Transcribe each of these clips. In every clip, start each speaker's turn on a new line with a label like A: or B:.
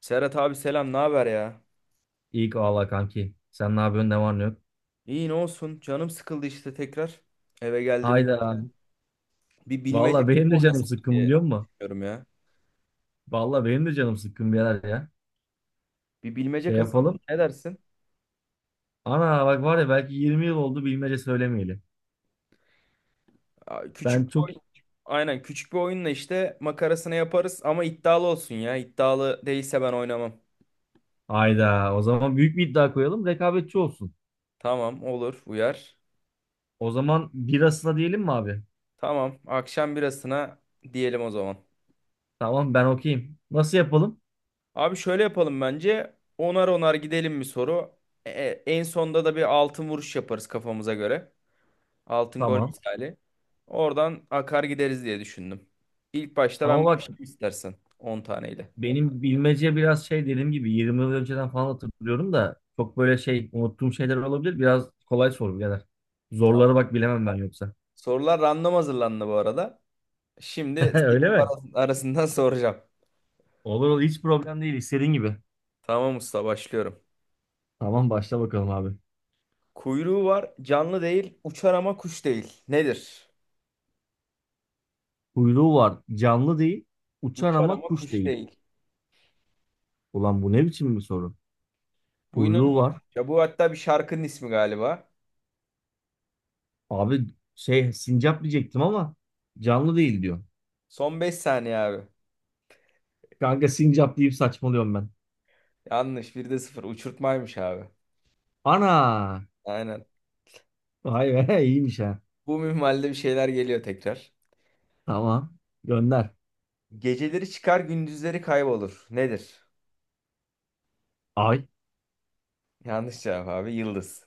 A: Serhat abi selam, ne haber ya?
B: İyi ki valla kanki. Sen ne yapıyorsun, ne var ne yok?
A: İyi ne olsun, canım sıkıldı işte tekrar. Eve geldim.
B: Hayda. Aynen.
A: Bir bilmece
B: Valla
A: oyunu
B: benim
A: mu
B: de canım
A: oynasak
B: sıkkın,
A: diye
B: biliyor musun?
A: düşünüyorum ya.
B: Valla benim de canım sıkkın birader ya.
A: Bir bilmece
B: Şey
A: kasalım mı?
B: yapalım.
A: Ne dersin?
B: Ana bak var ya, belki 20 yıl oldu bilmece söylemeyeli.
A: Aa, küçük
B: Ben
A: bir
B: çok...
A: oyun. Aynen, küçük bir oyunla işte makarasını yaparız ama iddialı olsun ya. İddialı değilse ben oynamam.
B: Hayda. O zaman büyük bir iddia koyalım. Rekabetçi olsun.
A: Tamam, olur, uyar.
B: O zaman birasına diyelim mi abi?
A: Tamam, akşam birasına diyelim o zaman.
B: Tamam, ben okeyim. Nasıl yapalım?
A: Abi şöyle yapalım bence. Onar onar gidelim bir soru. En sonda da bir altın vuruş yaparız kafamıza göre. Altın gol
B: Tamam.
A: misali. Oradan akar gideriz diye düşündüm. İlk başta ben
B: Ama bak,
A: başlayayım istersen on taneyle.
B: benim bilmece biraz dediğim gibi 20 yıl önceden falan hatırlıyorum da çok böyle unuttuğum şeyler olabilir. Biraz kolay sor birader.
A: Tamam.
B: Zorları bak bilemem ben yoksa.
A: Sorular random hazırlandı bu arada. Şimdi
B: Öyle mi?
A: arasından soracağım.
B: Olur olur, hiç problem değil, istediğin gibi.
A: Tamam usta, başlıyorum.
B: Tamam, başla bakalım abi.
A: Kuyruğu var, canlı değil, uçar ama kuş değil. Nedir?
B: Kuyruğu var, canlı değil, uçar
A: Uçar
B: ama
A: ama
B: kuş
A: kuş
B: değil.
A: değil.
B: Ulan bu ne biçim bir soru?
A: Bu
B: Kuyruğu var.
A: inanılmaz. Ya bu hatta bir şarkının ismi galiba.
B: Abi sincap diyecektim ama canlı değil diyor.
A: Son 5 saniye abi.
B: Kanka sincap deyip saçmalıyorum ben.
A: Yanlış. Bir de sıfır. Uçurtmaymış abi.
B: Ana!
A: Aynen.
B: Vay be, iyiymiş ha.
A: Bu minvalde bir şeyler geliyor tekrar.
B: Tamam, gönder.
A: Geceleri çıkar, gündüzleri kaybolur. Nedir?
B: Ay.
A: Yanlış cevap abi. Yıldız.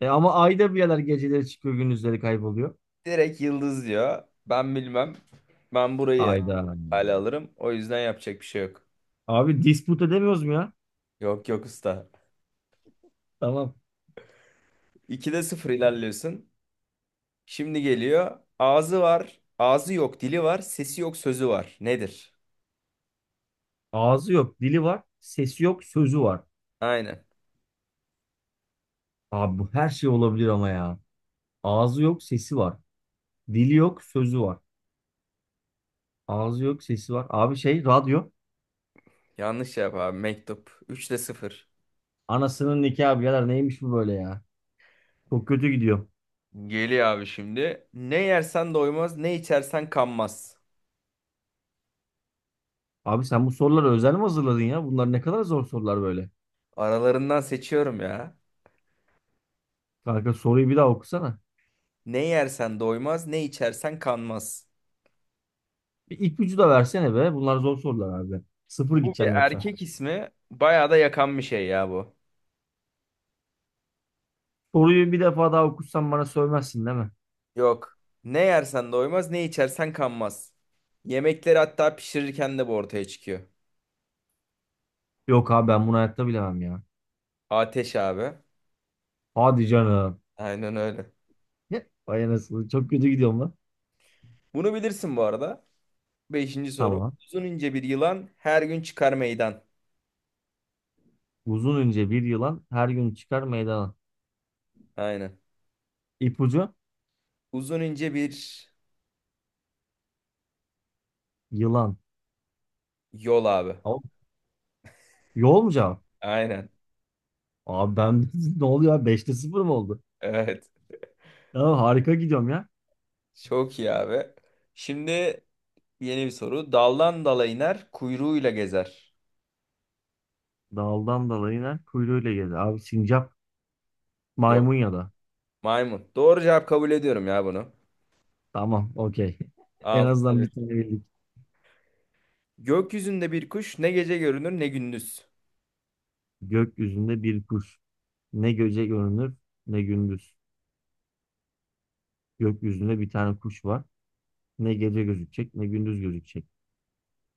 B: E ama ay da bir yerler geceleri çıkıyor, gündüzleri kayboluyor.
A: Direkt yıldız diyor. Ben bilmem. Ben burayı
B: Ayda.
A: hale alırım. O yüzden yapacak bir şey yok.
B: Abi dispute edemiyoruz mu ya?
A: Yok yok usta.
B: Tamam.
A: 2'de sıfır ilerliyorsun. Şimdi geliyor. Ağzı var. Ağzı yok, dili var. Sesi yok, sözü var. Nedir?
B: Ağzı yok, dili var, sesi yok, sözü var.
A: Aynen.
B: Abi bu her şey olabilir ama ya. Ağzı yok, sesi var. Dili yok, sözü var. Ağzı yok, sesi var. Abi radyo.
A: Yanlış cevap abi. Mektup. 3'te sıfır.
B: Anasının nikahı birader, neymiş bu böyle ya? Çok kötü gidiyor.
A: Geliyor abi şimdi. Ne yersen doymaz, ne içersen kanmaz.
B: Abi sen bu soruları özel mi hazırladın ya? Bunlar ne kadar zor sorular böyle.
A: Aralarından seçiyorum ya.
B: Kanka soruyu bir daha okusana.
A: Ne yersen doymaz, ne içersen kanmaz.
B: Bir ipucu da versene be. Bunlar zor sorular abi. Sıfır
A: Bu bir
B: gideceğim yoksa.
A: erkek ismi. Bayağı da yakan bir şey ya bu.
B: Soruyu bir defa daha okursan bana sövmezsin değil mi?
A: Yok. Ne yersen doymaz, ne içersen kanmaz. Yemekleri hatta pişirirken de bu ortaya çıkıyor.
B: Yok abi, ben bunu hayatta bilemem ya.
A: Ateş abi.
B: Hadi canım.
A: Aynen öyle.
B: Vay anasını. Çok kötü gidiyorum lan.
A: Bunu bilirsin bu arada. Beşinci soru.
B: Tamam.
A: Uzun ince bir yılan, her gün çıkar meydan.
B: Uzun ince bir yılan her gün çıkar meydana.
A: Aynen.
B: İpucu
A: Uzun ince bir
B: yılan.
A: yol abi.
B: Tamam. Yol mu cevap?
A: Aynen.
B: Abi ben ne oluyor abi? 5'te 0 mı oldu?
A: Evet.
B: Ya harika gidiyorum ya.
A: Çok iyi abi. Şimdi yeni bir soru. Daldan dala iner, kuyruğuyla gezer.
B: Daldan dala iner, kuyruğuyla gelir. Abi sincap,
A: Yok.
B: maymun ya da.
A: Maymun. Doğru cevap kabul ediyorum ya bunu.
B: Tamam okey. En
A: Altı
B: azından
A: bir.
B: bir tane bildik.
A: Gökyüzünde bir kuş, ne gece görünür ne gündüz.
B: Gökyüzünde bir kuş. Ne gece görünür ne gündüz. Gökyüzünde bir tane kuş var. Ne gece gözükecek ne gündüz gözükecek.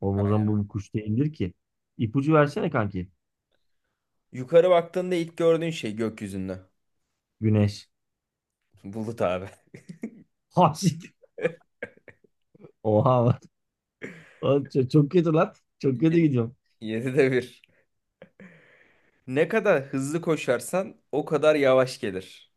B: Oğlum o zaman bu bir kuş değildir ki. İpucu versene kanki.
A: Yukarı baktığında ilk gördüğün şey gökyüzünde.
B: Güneş.
A: Bulut abi.
B: Ha siktir. Oha. Oğlum çok kötü lan. Çok kötü
A: Yedi-
B: gidiyorum.
A: Yedide bir. Ne kadar hızlı koşarsan o kadar yavaş gelir.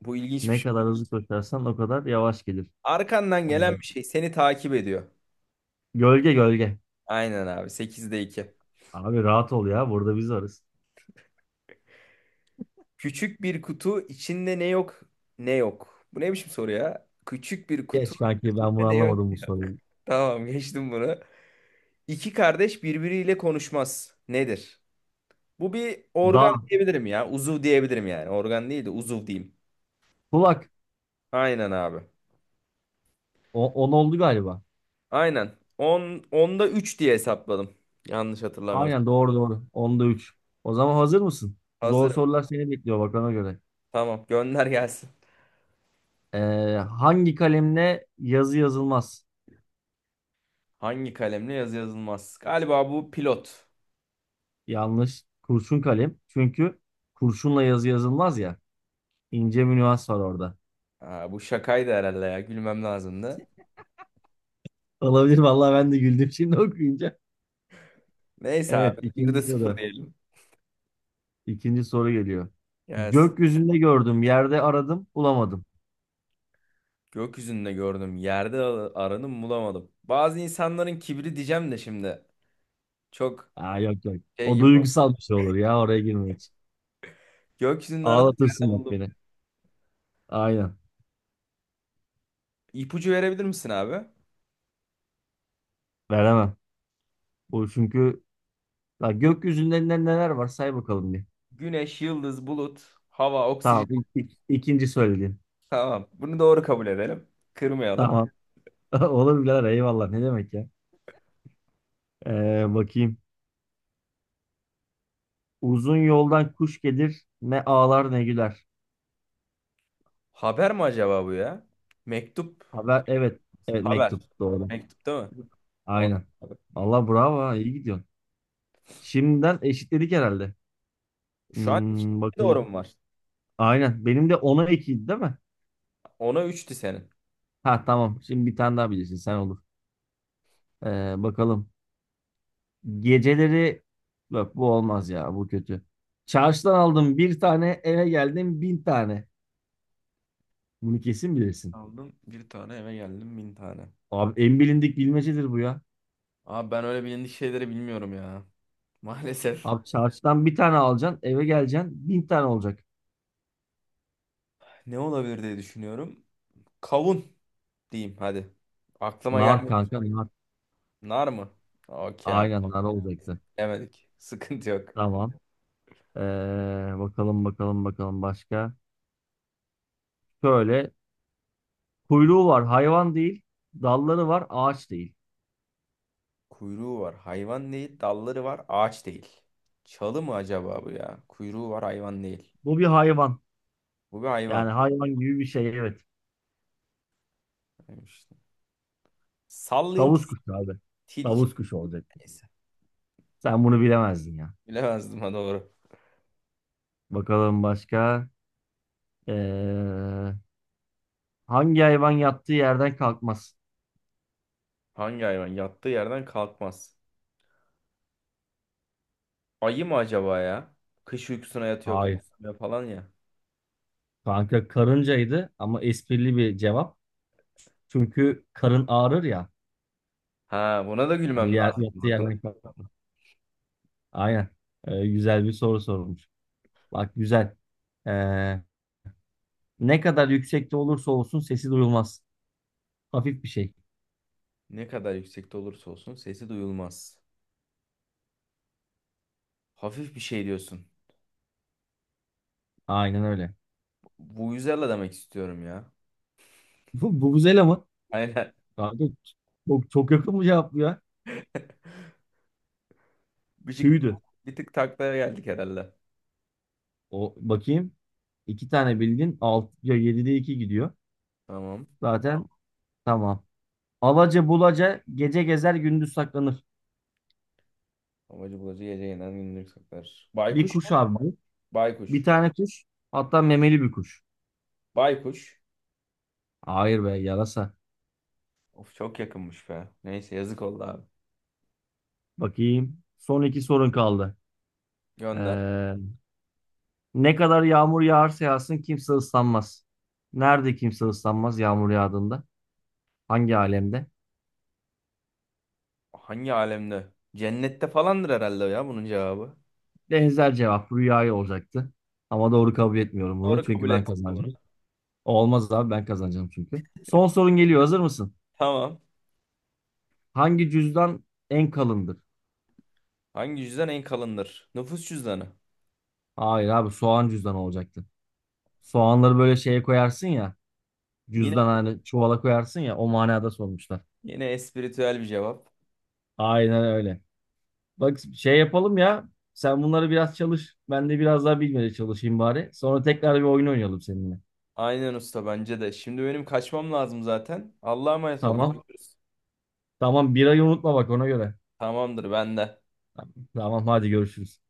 A: Bu ilginç bir
B: Ne
A: şey.
B: kadar hızlı koşarsan o kadar yavaş gelir.
A: Arkandan gelen
B: Yani
A: bir şey seni takip ediyor.
B: gölge.
A: Aynen abi. Sekizde iki.
B: Abi rahat ol ya. Burada biz varız.
A: Küçük bir kutu içinde ne yok ne yok. Bu ne biçim soru ya? Küçük bir kutu
B: Geç kanki, ben bunu
A: içinde ne yok.
B: anlamadım, bu soruyu.
A: Tamam, geçtim bunu. İki kardeş birbiriyle konuşmaz. Nedir? Bu bir
B: Dağ.
A: organ diyebilirim ya. Uzuv diyebilirim yani. Organ değil de uzuv diyeyim.
B: Kulak.
A: Aynen abi.
B: O, 10 oldu galiba.
A: Aynen. 10 onda 3 diye hesapladım. Yanlış hatırlamıyorsam.
B: Aynen, doğru doğru. Onda 3. O zaman hazır mısın? Zor
A: Hazırım.
B: sorular seni bekliyor, bak ona göre.
A: Tamam, gönder gelsin.
B: Ee, hangi kalemle yazı yazılmaz?
A: Hangi kalemle yazı yazılmaz? Galiba bu pilot.
B: Yanlış. Kurşun kalem. Çünkü kurşunla yazı yazılmaz ya. İnce bir nüans var orada.
A: Ha, bu şakaydı herhalde ya. Gülmem lazımdı.
B: Olabilir vallahi, ben de güldüm şimdi okuyunca.
A: Neyse
B: Evet,
A: abi. Bir de
B: ikinci
A: sıfır
B: soru.
A: diyelim.
B: İkinci soru geliyor.
A: Gelsin.
B: Gökyüzünde gördüm, yerde aradım, bulamadım.
A: Gökyüzünde gördüm. Aranım bulamadım. Bazı insanların kibri diyeceğim de şimdi. Çok
B: Aa, yok yok.
A: şey
B: O
A: gibi.
B: duygusal bir şey olur ya, oraya girme hiç.
A: Gökyüzünde aradım.
B: Ağlatırsın
A: Yerde
B: bak
A: buldum.
B: beni. Aynen.
A: İpucu verebilir misin abi?
B: Veremem. Bu çünkü ya gökyüzünde neler var say bakalım bir.
A: Güneş, yıldız, bulut, hava, oksijen.
B: Tamam. İkinci söylediğin.
A: Tamam. Bunu doğru kabul edelim. Kırmayalım.
B: Tamam. Olur birader, eyvallah, ne demek ya. Bakayım. Uzun yoldan kuş gelir, ne ağlar ne güler.
A: Haber mi acaba bu ya? Mektup.
B: Haber, evet. Evet,
A: Haber.
B: mektup doğru.
A: Mektup değil mi? O-
B: Aynen. Allah bravo ha, iyi gidiyorsun. Şimdiden eşitledik herhalde.
A: Şu an iki
B: Hmm,
A: doğru
B: bakalım.
A: mu var?
B: Aynen. Benim de ona 2'ydi değil mi?
A: Ona üçtü senin.
B: Ha tamam. Şimdi bir tane daha bilirsin sen, olur. Bakalım. Geceleri yok, bu olmaz ya. Bu kötü. Çarşıdan aldım bir tane, eve geldim bin tane. Bunu kesin bilirsin.
A: Aldım bir tane, eve geldim bin tane.
B: Abi en bilindik bilmecedir bu ya.
A: Abi ben öyle bilindik şeyleri bilmiyorum ya. Maalesef.
B: Abi çarşıdan bir tane alacaksın, eve geleceksin bin tane olacak.
A: Ne olabilir diye düşünüyorum. Kavun diyeyim hadi. Aklıma
B: Nar
A: gelmedi.
B: kanka, nar.
A: Nar mı? Okey abi.
B: Aynen, nar olacaktı.
A: Demedik. Sıkıntı yok.
B: Tamam. Ee, bakalım başka. Şöyle, kuyruğu var, hayvan değil. Dalları var, ağaç değil.
A: Kuyruğu var. Hayvan değil. Dalları var. Ağaç değil. Çalı mı acaba bu ya? Kuyruğu var. Hayvan değil.
B: Bu bir hayvan.
A: Bu bir
B: Yani
A: hayvan.
B: hayvan gibi bir şey, evet.
A: Neymiş? Sallayayım
B: Tavus kuşu abi.
A: tilki.
B: Tavus kuşu olacak.
A: Neyse.
B: Sen bunu bilemezdin ya.
A: Bilemezdim ha, doğru.
B: Bakalım başka. Ee, hangi hayvan yattığı yerden kalkmaz?
A: Hangi hayvan? Yattığı yerden kalkmaz. Ayı mı acaba ya? Kış uykusuna yatıyor,
B: Hayır.
A: kalkmıyor falan ya.
B: Kanka karıncaydı, ama esprili bir cevap. Çünkü karın ağrır ya.
A: Ha, buna da
B: Hani
A: gülmem
B: yer,
A: lazım.
B: yattığı
A: Bak buna-
B: yerden kalkmaz. Aynen. Güzel bir soru sormuş. Bak güzel. Ee, ne kadar yüksekte olursa olsun sesi duyulmaz. Hafif bir şey.
A: Ne kadar yüksekte olursa olsun sesi duyulmaz. Hafif bir şey diyorsun.
B: Aynen öyle.
A: Vuvuzela demek istiyorum ya.
B: Bu Vuvuzela mı?
A: Aynen.
B: Abi, çok yakın mı cevap bu ya?
A: Bir, şey,
B: Tüydü.
A: bir tık taklaya geldik herhalde.
B: O bakayım. İki tane bildin. Ya 7'de 2 gidiyor.
A: Tamam.
B: Zaten tamam. Alaca bulaca gece gezer, gündüz saklanır.
A: Amacı bulacı gece yeniden gündür saklar.
B: Bir
A: Baykuş mu?
B: kuş abi bu. Bir
A: Baykuş.
B: tane kuş. Hatta memeli bir kuş.
A: Baykuş.
B: Hayır be, yarasa.
A: Of, çok yakınmış be. Neyse, yazık oldu abi.
B: Bakayım. Son iki sorun kaldı.
A: Gönder.
B: Ee, ne kadar yağmur yağarsa yağsın kimse ıslanmaz. Nerede kimse ıslanmaz yağmur yağdığında? Hangi alemde?
A: Hangi alemde? Cennette falandır herhalde ya bunun cevabı.
B: Benzer cevap rüyayı olacaktı. Ama doğru kabul etmiyorum bunu.
A: Doğru
B: Çünkü
A: kabul
B: ben
A: ettik bunu.
B: kazanacağım. Olmaz abi, ben kazanacağım çünkü. Son sorun geliyor. Hazır mısın?
A: Tamam.
B: Hangi cüzdan en kalındır?
A: Hangi cüzdan en kalındır? Nüfus cüzdanı.
B: Hayır abi, soğan cüzdanı olacaktı. Soğanları böyle şeye koyarsın ya. Cüzdan hani, çuvala koyarsın ya. O manada sormuşlar.
A: Yine espiritüel bir cevap.
B: Aynen öyle. Bak şey yapalım ya. Sen bunları biraz çalış. Ben de biraz daha bilmeye çalışayım bari. Sonra tekrar bir oyun oynayalım seninle.
A: Aynen usta, bence de. Şimdi benim kaçmam lazım zaten. Allah'a emanet ol.
B: Tamam.
A: Görüşürüz.
B: Tamam, birayı unutma bak ona göre.
A: Tamamdır ben de.
B: Tamam, hadi görüşürüz.